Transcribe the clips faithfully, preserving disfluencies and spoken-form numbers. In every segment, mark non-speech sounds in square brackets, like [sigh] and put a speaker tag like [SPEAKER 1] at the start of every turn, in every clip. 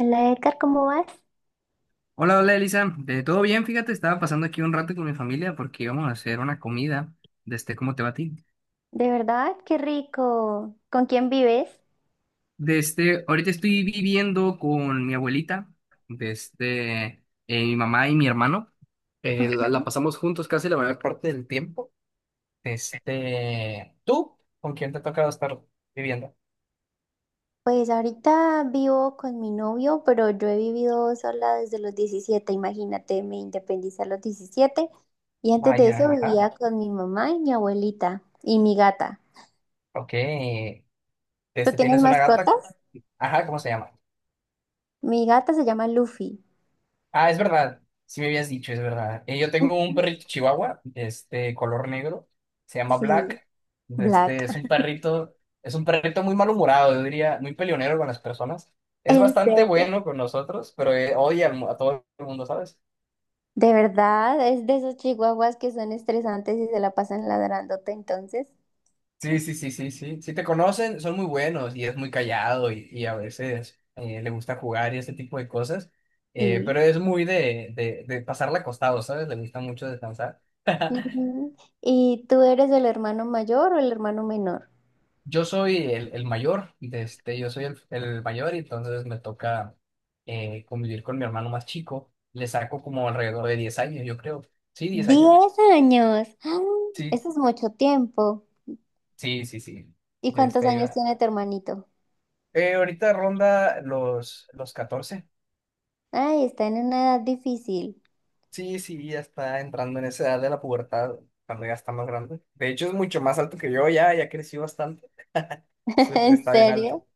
[SPEAKER 1] Hola Edgar, ¿cómo vas?
[SPEAKER 2] Hola, hola Elisa, Eh, ¿todo bien? Fíjate, estaba pasando aquí un rato con mi familia porque íbamos a hacer una comida. Desde, ¿cómo te va a ti?
[SPEAKER 1] De verdad, qué rico. ¿Con quién vives?
[SPEAKER 2] Desde, ahorita estoy viviendo con mi abuelita, desde mi mamá y mi hermano. Eh, la, la pasamos juntos casi la mayor parte del tiempo. Este, ¿tú con quién te ha tocado estar viviendo?
[SPEAKER 1] Pues ahorita vivo con mi novio, pero yo he vivido sola desde los diecisiete. Imagínate, me independicé a los diecisiete. Y antes de
[SPEAKER 2] Vaya,
[SPEAKER 1] eso
[SPEAKER 2] ajá,
[SPEAKER 1] vivía con mi mamá y mi abuelita y mi gata.
[SPEAKER 2] ok.
[SPEAKER 1] ¿Tú
[SPEAKER 2] Este,
[SPEAKER 1] tienes
[SPEAKER 2] ¿tienes una gata?
[SPEAKER 1] mascotas?
[SPEAKER 2] Ajá, ¿cómo se llama?
[SPEAKER 1] Mi gata se llama Luffy.
[SPEAKER 2] Ah, es verdad. Sí me habías dicho, es verdad. Eh, yo tengo un
[SPEAKER 1] Ujú.
[SPEAKER 2] perrito chihuahua, este, color negro. Se llama
[SPEAKER 1] Sí,
[SPEAKER 2] Black.
[SPEAKER 1] Black.
[SPEAKER 2] Este, es un perrito, es un perrito muy malhumorado, yo diría, muy peleonero con las personas. Es
[SPEAKER 1] ¿En
[SPEAKER 2] bastante
[SPEAKER 1] serio?
[SPEAKER 2] bueno con nosotros, pero eh, odia al mu- a todo el mundo, ¿sabes?
[SPEAKER 1] De verdad, es de esos chihuahuas que son estresantes y se la pasan ladrándote entonces.
[SPEAKER 2] Sí, sí, sí, sí, sí. Si te conocen, son muy buenos y es muy callado y, y a veces eh, le gusta jugar y ese tipo de cosas. Eh,
[SPEAKER 1] Sí.
[SPEAKER 2] pero es muy de, de, de pasarla acostado, ¿sabes? Le gusta mucho descansar. [laughs]
[SPEAKER 1] Ujú. ¿Y tú eres el hermano mayor o el hermano menor?
[SPEAKER 2] Yo soy el, el mayor, de este, yo soy el, el mayor y entonces me toca eh, convivir con mi hermano más chico. Le saco como alrededor de diez años, yo creo. Sí, diez años.
[SPEAKER 1] ¡Diez años! ¡Ah!
[SPEAKER 2] Sí,
[SPEAKER 1] Eso es mucho tiempo.
[SPEAKER 2] sí, sí, sí.
[SPEAKER 1] ¿Y
[SPEAKER 2] De
[SPEAKER 1] cuántos
[SPEAKER 2] Este,
[SPEAKER 1] años
[SPEAKER 2] ahora-
[SPEAKER 1] tiene tu hermanito?
[SPEAKER 2] eh, Ahorita ronda los, los catorce.
[SPEAKER 1] Ay, está en una edad difícil.
[SPEAKER 2] Sí, sí, ya está entrando en esa edad de la pubertad, cuando ya está más grande. De hecho, es mucho más alto que yo ya, ya crecí bastante.
[SPEAKER 1] [laughs]
[SPEAKER 2] Soy-
[SPEAKER 1] ¿En
[SPEAKER 2] Está bien alto.
[SPEAKER 1] serio?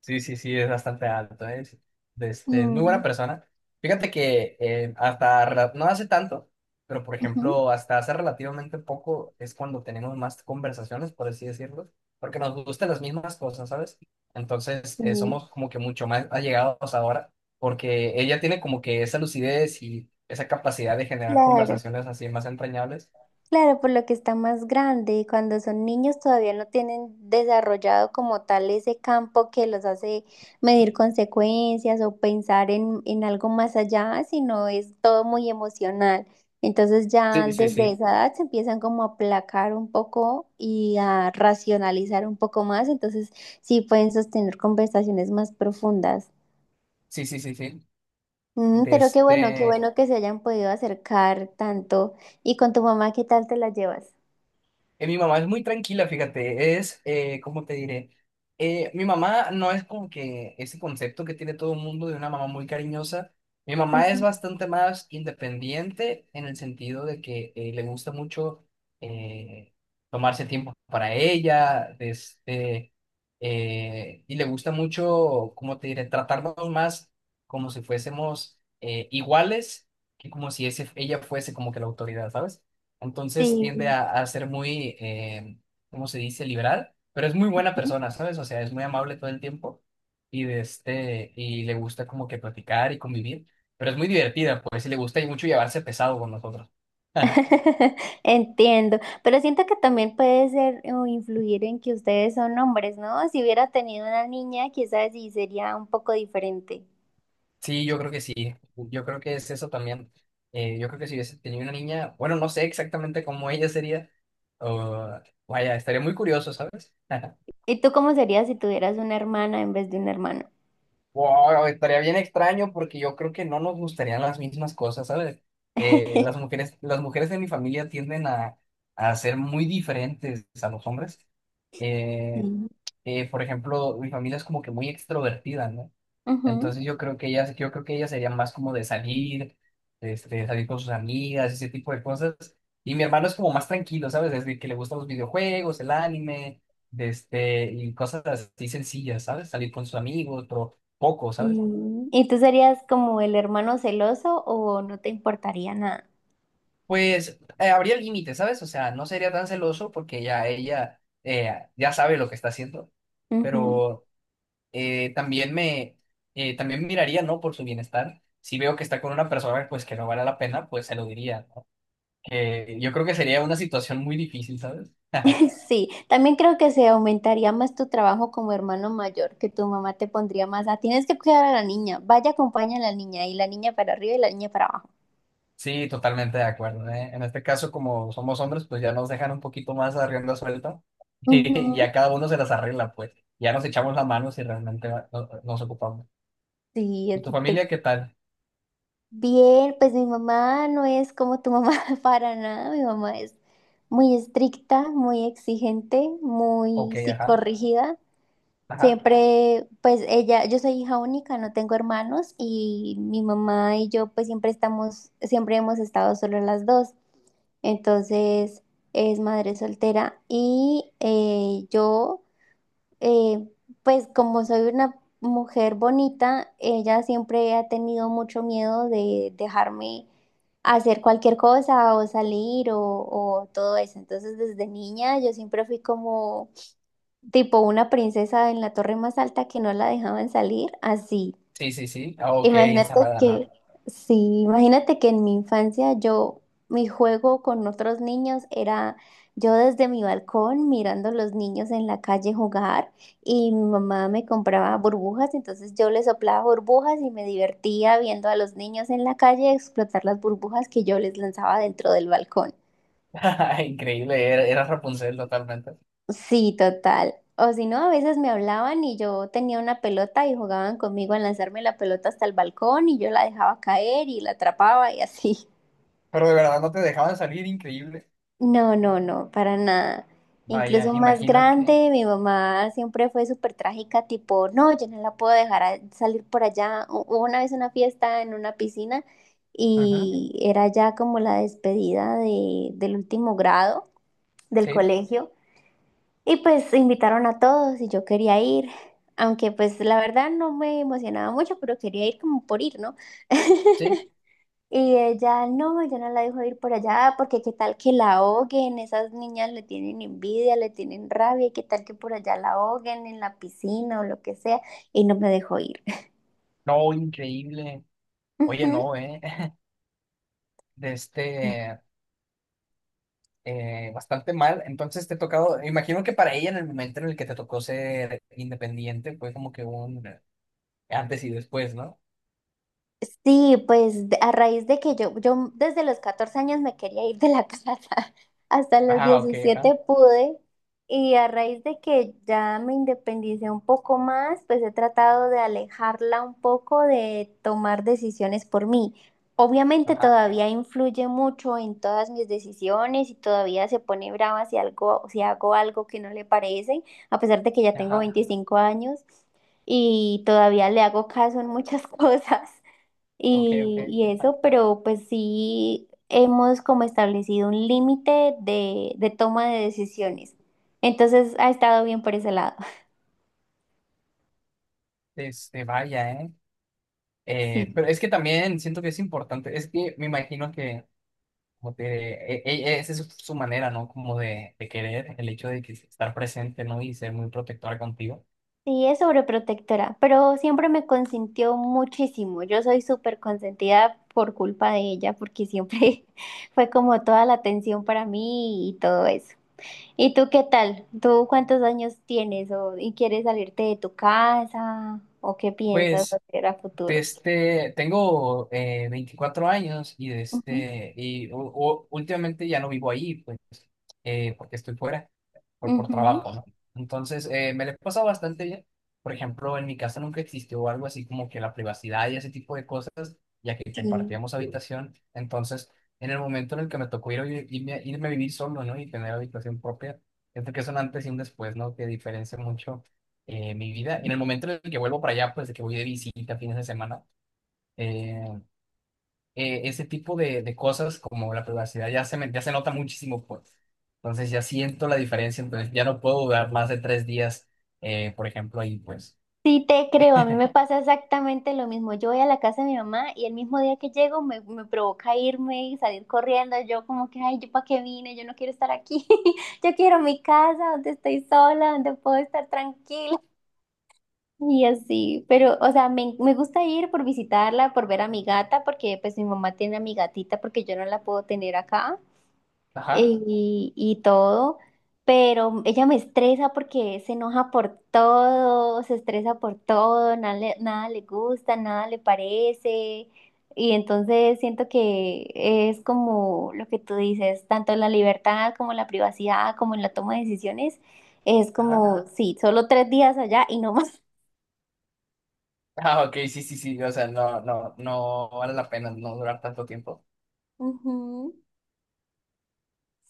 [SPEAKER 2] Sí, sí, sí, es bastante alto, ¿eh? Es, este, es muy
[SPEAKER 1] Mm,
[SPEAKER 2] buena persona. Fíjate que eh, hasta rela- no hace tanto, pero por
[SPEAKER 1] ujú.
[SPEAKER 2] ejemplo, hasta hace relativamente poco es cuando tenemos más conversaciones, por así decirlo, porque nos gustan las mismas cosas, ¿sabes? Entonces, eh,
[SPEAKER 1] Sí,
[SPEAKER 2] somos como que mucho más allegados ahora, porque ella tiene como que esa lucidez y esa capacidad de generar
[SPEAKER 1] claro.
[SPEAKER 2] conversaciones así más entrañables.
[SPEAKER 1] Claro, por lo que está más grande cuando son niños todavía no tienen desarrollado como tal ese campo que los hace medir consecuencias o pensar en, en algo más allá, sino es todo muy emocional. Entonces ya
[SPEAKER 2] Sí, sí,
[SPEAKER 1] desde
[SPEAKER 2] sí.
[SPEAKER 1] esa edad se empiezan como a aplacar un poco y a racionalizar un poco más, entonces sí pueden sostener conversaciones más profundas.
[SPEAKER 2] Sí, sí, sí, sí.
[SPEAKER 1] Mm, pero qué bueno, qué
[SPEAKER 2] Desde
[SPEAKER 1] bueno que se hayan podido acercar tanto. ¿Y con tu mamá qué tal te la llevas?
[SPEAKER 2] Eh, mi mamá es muy tranquila, fíjate, es, eh, ¿cómo te diré? Eh, mi mamá no es como que ese concepto que tiene todo el mundo de una mamá muy cariñosa. Mi mamá es
[SPEAKER 1] [laughs]
[SPEAKER 2] bastante más independiente en el sentido de que eh, le gusta mucho eh, tomarse tiempo para ella, de este, eh, y le gusta mucho, ¿cómo te diré? Tratarnos más como si fuésemos eh, iguales que como si ese, ella fuese como que la autoridad, ¿sabes? Entonces
[SPEAKER 1] Sí,
[SPEAKER 2] tiende a, a ser muy, eh, ¿cómo se dice? Liberal, pero es muy buena persona, ¿sabes? O sea, es muy amable todo el tiempo y, de este, y le gusta como que platicar y convivir, pero es muy divertida, pues, y le gusta y mucho llevarse pesado con nosotros. [laughs]
[SPEAKER 1] [laughs] entiendo, pero siento que también puede ser o influir en que ustedes son hombres, ¿no? Si hubiera tenido una niña, quizás sí sería un poco diferente.
[SPEAKER 2] Sí, yo creo que sí, yo creo que es eso también. Eh, yo creo que si hubiese tenido una niña, bueno, no sé exactamente cómo ella sería, o- vaya, estaría muy curioso, ¿sabes? [laughs]
[SPEAKER 1] ¿Y tú cómo serías si tuvieras una hermana en vez de un hermano?
[SPEAKER 2] Wow, estaría bien extraño porque yo creo que no nos gustarían las mismas cosas, ¿sabes? Eh, las
[SPEAKER 1] [laughs]
[SPEAKER 2] mujeres, las mujeres de mi familia tienden a, a ser muy diferentes a los hombres. Eh,
[SPEAKER 1] Mm,
[SPEAKER 2] eh, por ejemplo, mi familia es como que muy extrovertida, ¿no?
[SPEAKER 1] ujú.
[SPEAKER 2] Entonces yo creo que ella, yo creo que ella sería más como de salir, este, salir con sus amigas, ese tipo de cosas. Y mi hermano es como más tranquilo, ¿sabes? Desde que le gustan los videojuegos, el anime, de este, y cosas así sencillas, ¿sabes? Salir con sus amigos, pero poco, ¿sabes?
[SPEAKER 1] Mm. ¿Y tú serías como el hermano celoso o no te importaría nada?
[SPEAKER 2] Pues eh, habría límites, ¿sabes? O sea, no sería tan celoso porque ya ella eh, ya sabe lo que está haciendo, pero eh, también me, eh, también miraría, ¿no? Por su bienestar. Si veo que está con una persona, pues que no vale la pena, pues se lo diría. Que yo creo que sería una situación muy difícil, ¿sabes?
[SPEAKER 1] [laughs] Sí, también creo que se aumentaría más tu trabajo como hermano mayor, que tu mamá te pondría más a, tienes que cuidar a la niña, vaya, acompaña a la niña, y la niña para arriba y la niña para abajo.
[SPEAKER 2] Sí, totalmente de acuerdo, ¿eh? En este caso, como somos hombres, pues ya nos dejan un poquito más a rienda suelta [laughs] y
[SPEAKER 1] Ujú.
[SPEAKER 2] a cada uno se las arregla, pues. Ya nos echamos la mano si realmente va- no- ah, nos ocupamos.
[SPEAKER 1] Sí.
[SPEAKER 2] ¿Y tu
[SPEAKER 1] eso te-
[SPEAKER 2] familia qué tal?
[SPEAKER 1] Bien, pues mi mamá no es como tu mamá [laughs] para nada, mi mamá es muy estricta, muy exigente,
[SPEAKER 2] Ok,
[SPEAKER 1] muy
[SPEAKER 2] ajá,
[SPEAKER 1] psicorrígida.
[SPEAKER 2] ajá.
[SPEAKER 1] Siempre, pues ella, yo soy hija única, no tengo hermanos y mi mamá y yo pues siempre estamos, siempre hemos estado solo las dos. Entonces es madre soltera y eh, yo, eh, pues como soy una mujer bonita, ella siempre ha tenido mucho miedo de dejarme hacer cualquier cosa o salir o, o todo eso. Entonces desde niña yo siempre fui como tipo una princesa en la torre más alta que no la dejaban salir, así.
[SPEAKER 2] Sí, sí, sí. Ah, ok,
[SPEAKER 1] Imagínate
[SPEAKER 2] encerrada, ¿no?
[SPEAKER 1] que, sí, imagínate que en mi infancia yo, mi juego con otros niños era yo desde mi balcón mirando a los niños en la calle jugar y mi mamá me compraba burbujas, entonces yo les soplaba burbujas y me divertía viendo a los niños en la calle explotar las burbujas que yo les lanzaba dentro del balcón.
[SPEAKER 2] [laughs] Increíble, era, era Rapunzel totalmente.
[SPEAKER 1] Sí, total. O si no, a veces me hablaban y yo tenía una pelota y jugaban conmigo a lanzarme la pelota hasta el balcón y yo la dejaba caer y la atrapaba y así.
[SPEAKER 2] Pero de verdad no te dejaban salir, increíble.
[SPEAKER 1] No, no, no, para nada.
[SPEAKER 2] Vaya,
[SPEAKER 1] Incluso más
[SPEAKER 2] imagino que...
[SPEAKER 1] grande, mi mamá siempre fue súper trágica, tipo, no, yo no la puedo dejar a- salir por allá. Hu- Hubo una vez una fiesta en una piscina
[SPEAKER 2] Ajá,
[SPEAKER 1] y era ya como la despedida de, del último grado del
[SPEAKER 2] sí,
[SPEAKER 1] colegio y pues invitaron a todos y yo quería ir, aunque pues la verdad no me emocionaba mucho, pero quería ir como por ir, ¿no? [laughs]
[SPEAKER 2] sí.
[SPEAKER 1] Y ella, no, yo no la dejo ir por allá porque qué tal que la ahoguen, esas niñas le tienen envidia, le tienen rabia, y qué tal que por allá la ahoguen en la piscina o lo que sea, y no me dejó ir.
[SPEAKER 2] No, increíble. Oye, no,
[SPEAKER 1] [laughs]
[SPEAKER 2] ¿eh? de este, eh, bastante mal. Entonces te ha tocado, imagino que para ella en el momento en el que te tocó ser independiente fue como que un antes y después, ¿no?
[SPEAKER 1] Sí, pues de- a raíz de que yo, yo desde los catorce años me quería ir de la [laughs] casa, hasta los
[SPEAKER 2] Ajá, ok,
[SPEAKER 1] diecisiete
[SPEAKER 2] ajá,
[SPEAKER 1] pude, y a raíz de que ya me independicé un poco más, pues he tratado de alejarla un poco de tomar decisiones por mí. Obviamente
[SPEAKER 2] ajá,
[SPEAKER 1] todavía influye mucho en todas mis decisiones y todavía se pone brava si algo, si hago algo que no le parece, a pesar de que ya tengo
[SPEAKER 2] ajá,
[SPEAKER 1] veinticinco años y todavía le hago caso en muchas [laughs] cosas
[SPEAKER 2] ok, ok.
[SPEAKER 1] y, y
[SPEAKER 2] Ajá.
[SPEAKER 1] eso, pero pues sí hemos como establecido un límite de, de toma de decisiones. Entonces ha estado bien por ese lado. [laughs]
[SPEAKER 2] Este, vaya, ¿eh? Eh,
[SPEAKER 1] Sí,
[SPEAKER 2] pero es que también siento que es importante, es que me imagino que como te, e- e- esa es su manera, ¿no? Como de, de querer el hecho de que estar presente, ¿no? Y ser muy protectora contigo.
[SPEAKER 1] sí, es sobreprotectora, pero siempre me consintió muchísimo. Yo soy súper consentida por culpa de ella, porque siempre [laughs] fue como toda la atención para mí y todo eso. ¿Y tú qué tal? ¿Tú cuántos años tienes o, y quieres salirte de tu casa o qué piensas
[SPEAKER 2] Pues...
[SPEAKER 1] hacer a
[SPEAKER 2] de
[SPEAKER 1] futuro?
[SPEAKER 2] este, tengo eh, veinticuatro años y, de
[SPEAKER 1] Ujú,
[SPEAKER 2] este, y u- u- últimamente ya no vivo ahí, pues, eh, porque estoy fuera, por, por
[SPEAKER 1] ujú.
[SPEAKER 2] trabajo, ¿no? Entonces, eh, me le he pasado bastante bien. Por ejemplo, en mi casa nunca existió algo así como que la privacidad y ese tipo de cosas, ya que
[SPEAKER 1] Sí,
[SPEAKER 2] compartíamos habitación. Entonces, en el momento en el que me tocó ir a vi- irme, irme a vivir solo, ¿no? Y tener habitación propia, siento que es un antes y un después, ¿no? Que diferencia mucho eh, mi vida. En el momento en el que vuelvo para allá, pues de que voy de visita fines de semana, eh, eh, ese tipo de, de cosas como la privacidad ya se, me- ya se nota muchísimo, pues. Entonces ya siento la diferencia, entonces ya no puedo durar más de tres días, eh, por ejemplo, ahí, pues.
[SPEAKER 1] sí te creo, a mí me pasa exactamente lo mismo. Yo voy a la casa de mi mamá y el mismo día que llego me, me provoca irme y salir corriendo. Yo como que, ay, ¿yo para qué vine? Yo no quiero estar aquí. [laughs] Yo quiero mi casa donde estoy sola, donde puedo estar tranquila. Y así, pero, o sea, me, me gusta ir por visitarla, por ver a mi gata, porque pues mi mamá tiene a mi gatita porque yo no la puedo tener acá.
[SPEAKER 2] Ajá,
[SPEAKER 1] y, y todo, pero ella me estresa porque se enoja por todo, se estresa por todo, nada le, nada le gusta, nada le parece, y entonces siento que es como lo que tú dices, tanto en la libertad como en la privacidad, como en la toma de decisiones, es
[SPEAKER 2] ajá.
[SPEAKER 1] como, sí, solo tres días allá y no más.
[SPEAKER 2] Ah, ok, sí, sí, sí, o sea, no, no, no vale la pena no durar tanto tiempo.
[SPEAKER 1] [laughs] Ujú.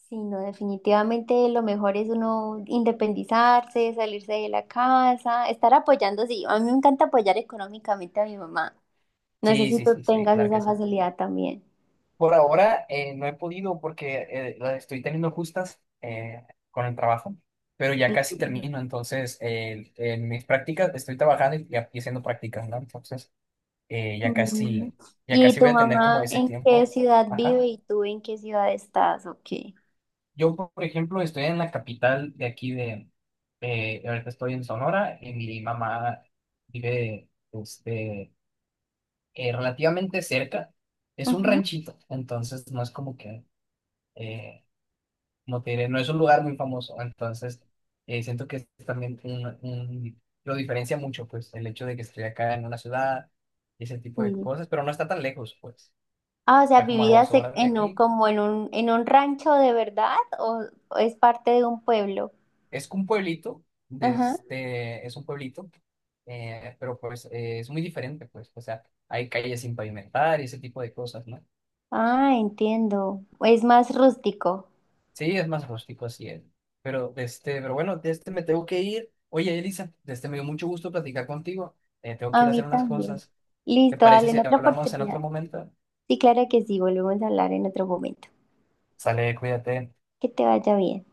[SPEAKER 1] Sí, no, definitivamente lo mejor es uno independizarse, salirse de la casa, estar apoyando, sí, a mí me encanta apoyar económicamente a mi mamá. No sé
[SPEAKER 2] Sí,
[SPEAKER 1] si
[SPEAKER 2] sí,
[SPEAKER 1] tú
[SPEAKER 2] sí, sí,
[SPEAKER 1] tengas
[SPEAKER 2] claro que
[SPEAKER 1] esa
[SPEAKER 2] sí.
[SPEAKER 1] facilidad también.
[SPEAKER 2] Por ahora eh, no he podido porque eh, la estoy teniendo justas eh, con el trabajo, pero ya casi termino. Entonces, eh, en mis prácticas estoy trabajando y, y haciendo prácticas, ¿no? Entonces, eh, ya
[SPEAKER 1] Ujú.
[SPEAKER 2] casi, ya
[SPEAKER 1] ¿Y
[SPEAKER 2] casi
[SPEAKER 1] tu
[SPEAKER 2] voy a tener como
[SPEAKER 1] mamá
[SPEAKER 2] ese
[SPEAKER 1] en qué
[SPEAKER 2] tiempo.
[SPEAKER 1] ciudad vive
[SPEAKER 2] Ajá.
[SPEAKER 1] y tú en qué ciudad estás? Ok.
[SPEAKER 2] Yo, por ejemplo, estoy en la capital de aquí de, eh, ahorita estoy en Sonora y mi mamá vive este, eh, relativamente cerca. Es un
[SPEAKER 1] Ujú,
[SPEAKER 2] ranchito, entonces no es como que... eh, como te diré, no es un lugar muy famoso, entonces eh, siento que es también un, un- lo diferencia mucho, pues, el hecho de que esté acá en una ciudad y ese tipo de
[SPEAKER 1] sí.
[SPEAKER 2] cosas, pero no está tan lejos, pues,
[SPEAKER 1] Ah, o sea,
[SPEAKER 2] está como a dos
[SPEAKER 1] ¿vivías e-
[SPEAKER 2] horas de
[SPEAKER 1] en un-
[SPEAKER 2] aquí.
[SPEAKER 1] como en un, en un rancho de verdad o, o es parte de un pueblo?
[SPEAKER 2] Es un pueblito, de
[SPEAKER 1] Ajá.
[SPEAKER 2] este, es un pueblito, eh, pero pues eh, es muy diferente, pues, o sea, hay calles sin pavimentar y ese tipo de cosas, ¿no?
[SPEAKER 1] Ah, entiendo. Es más rústico.
[SPEAKER 2] Sí, es más rústico, así es. Pero, de este, pero bueno, de este me tengo que ir. Oye, Elisa, de este me dio mucho gusto platicar contigo. Eh, tengo que
[SPEAKER 1] A
[SPEAKER 2] ir a
[SPEAKER 1] mí
[SPEAKER 2] hacer unas
[SPEAKER 1] también.
[SPEAKER 2] cosas. ¿Te
[SPEAKER 1] Listo,
[SPEAKER 2] parece
[SPEAKER 1] dale
[SPEAKER 2] si
[SPEAKER 1] en otra
[SPEAKER 2] hablamos en
[SPEAKER 1] oportunidad.
[SPEAKER 2] otro momento?
[SPEAKER 1] Sí, claro que sí, volvemos a hablar en otro momento.
[SPEAKER 2] Sale, cuídate.
[SPEAKER 1] Que te vaya bien.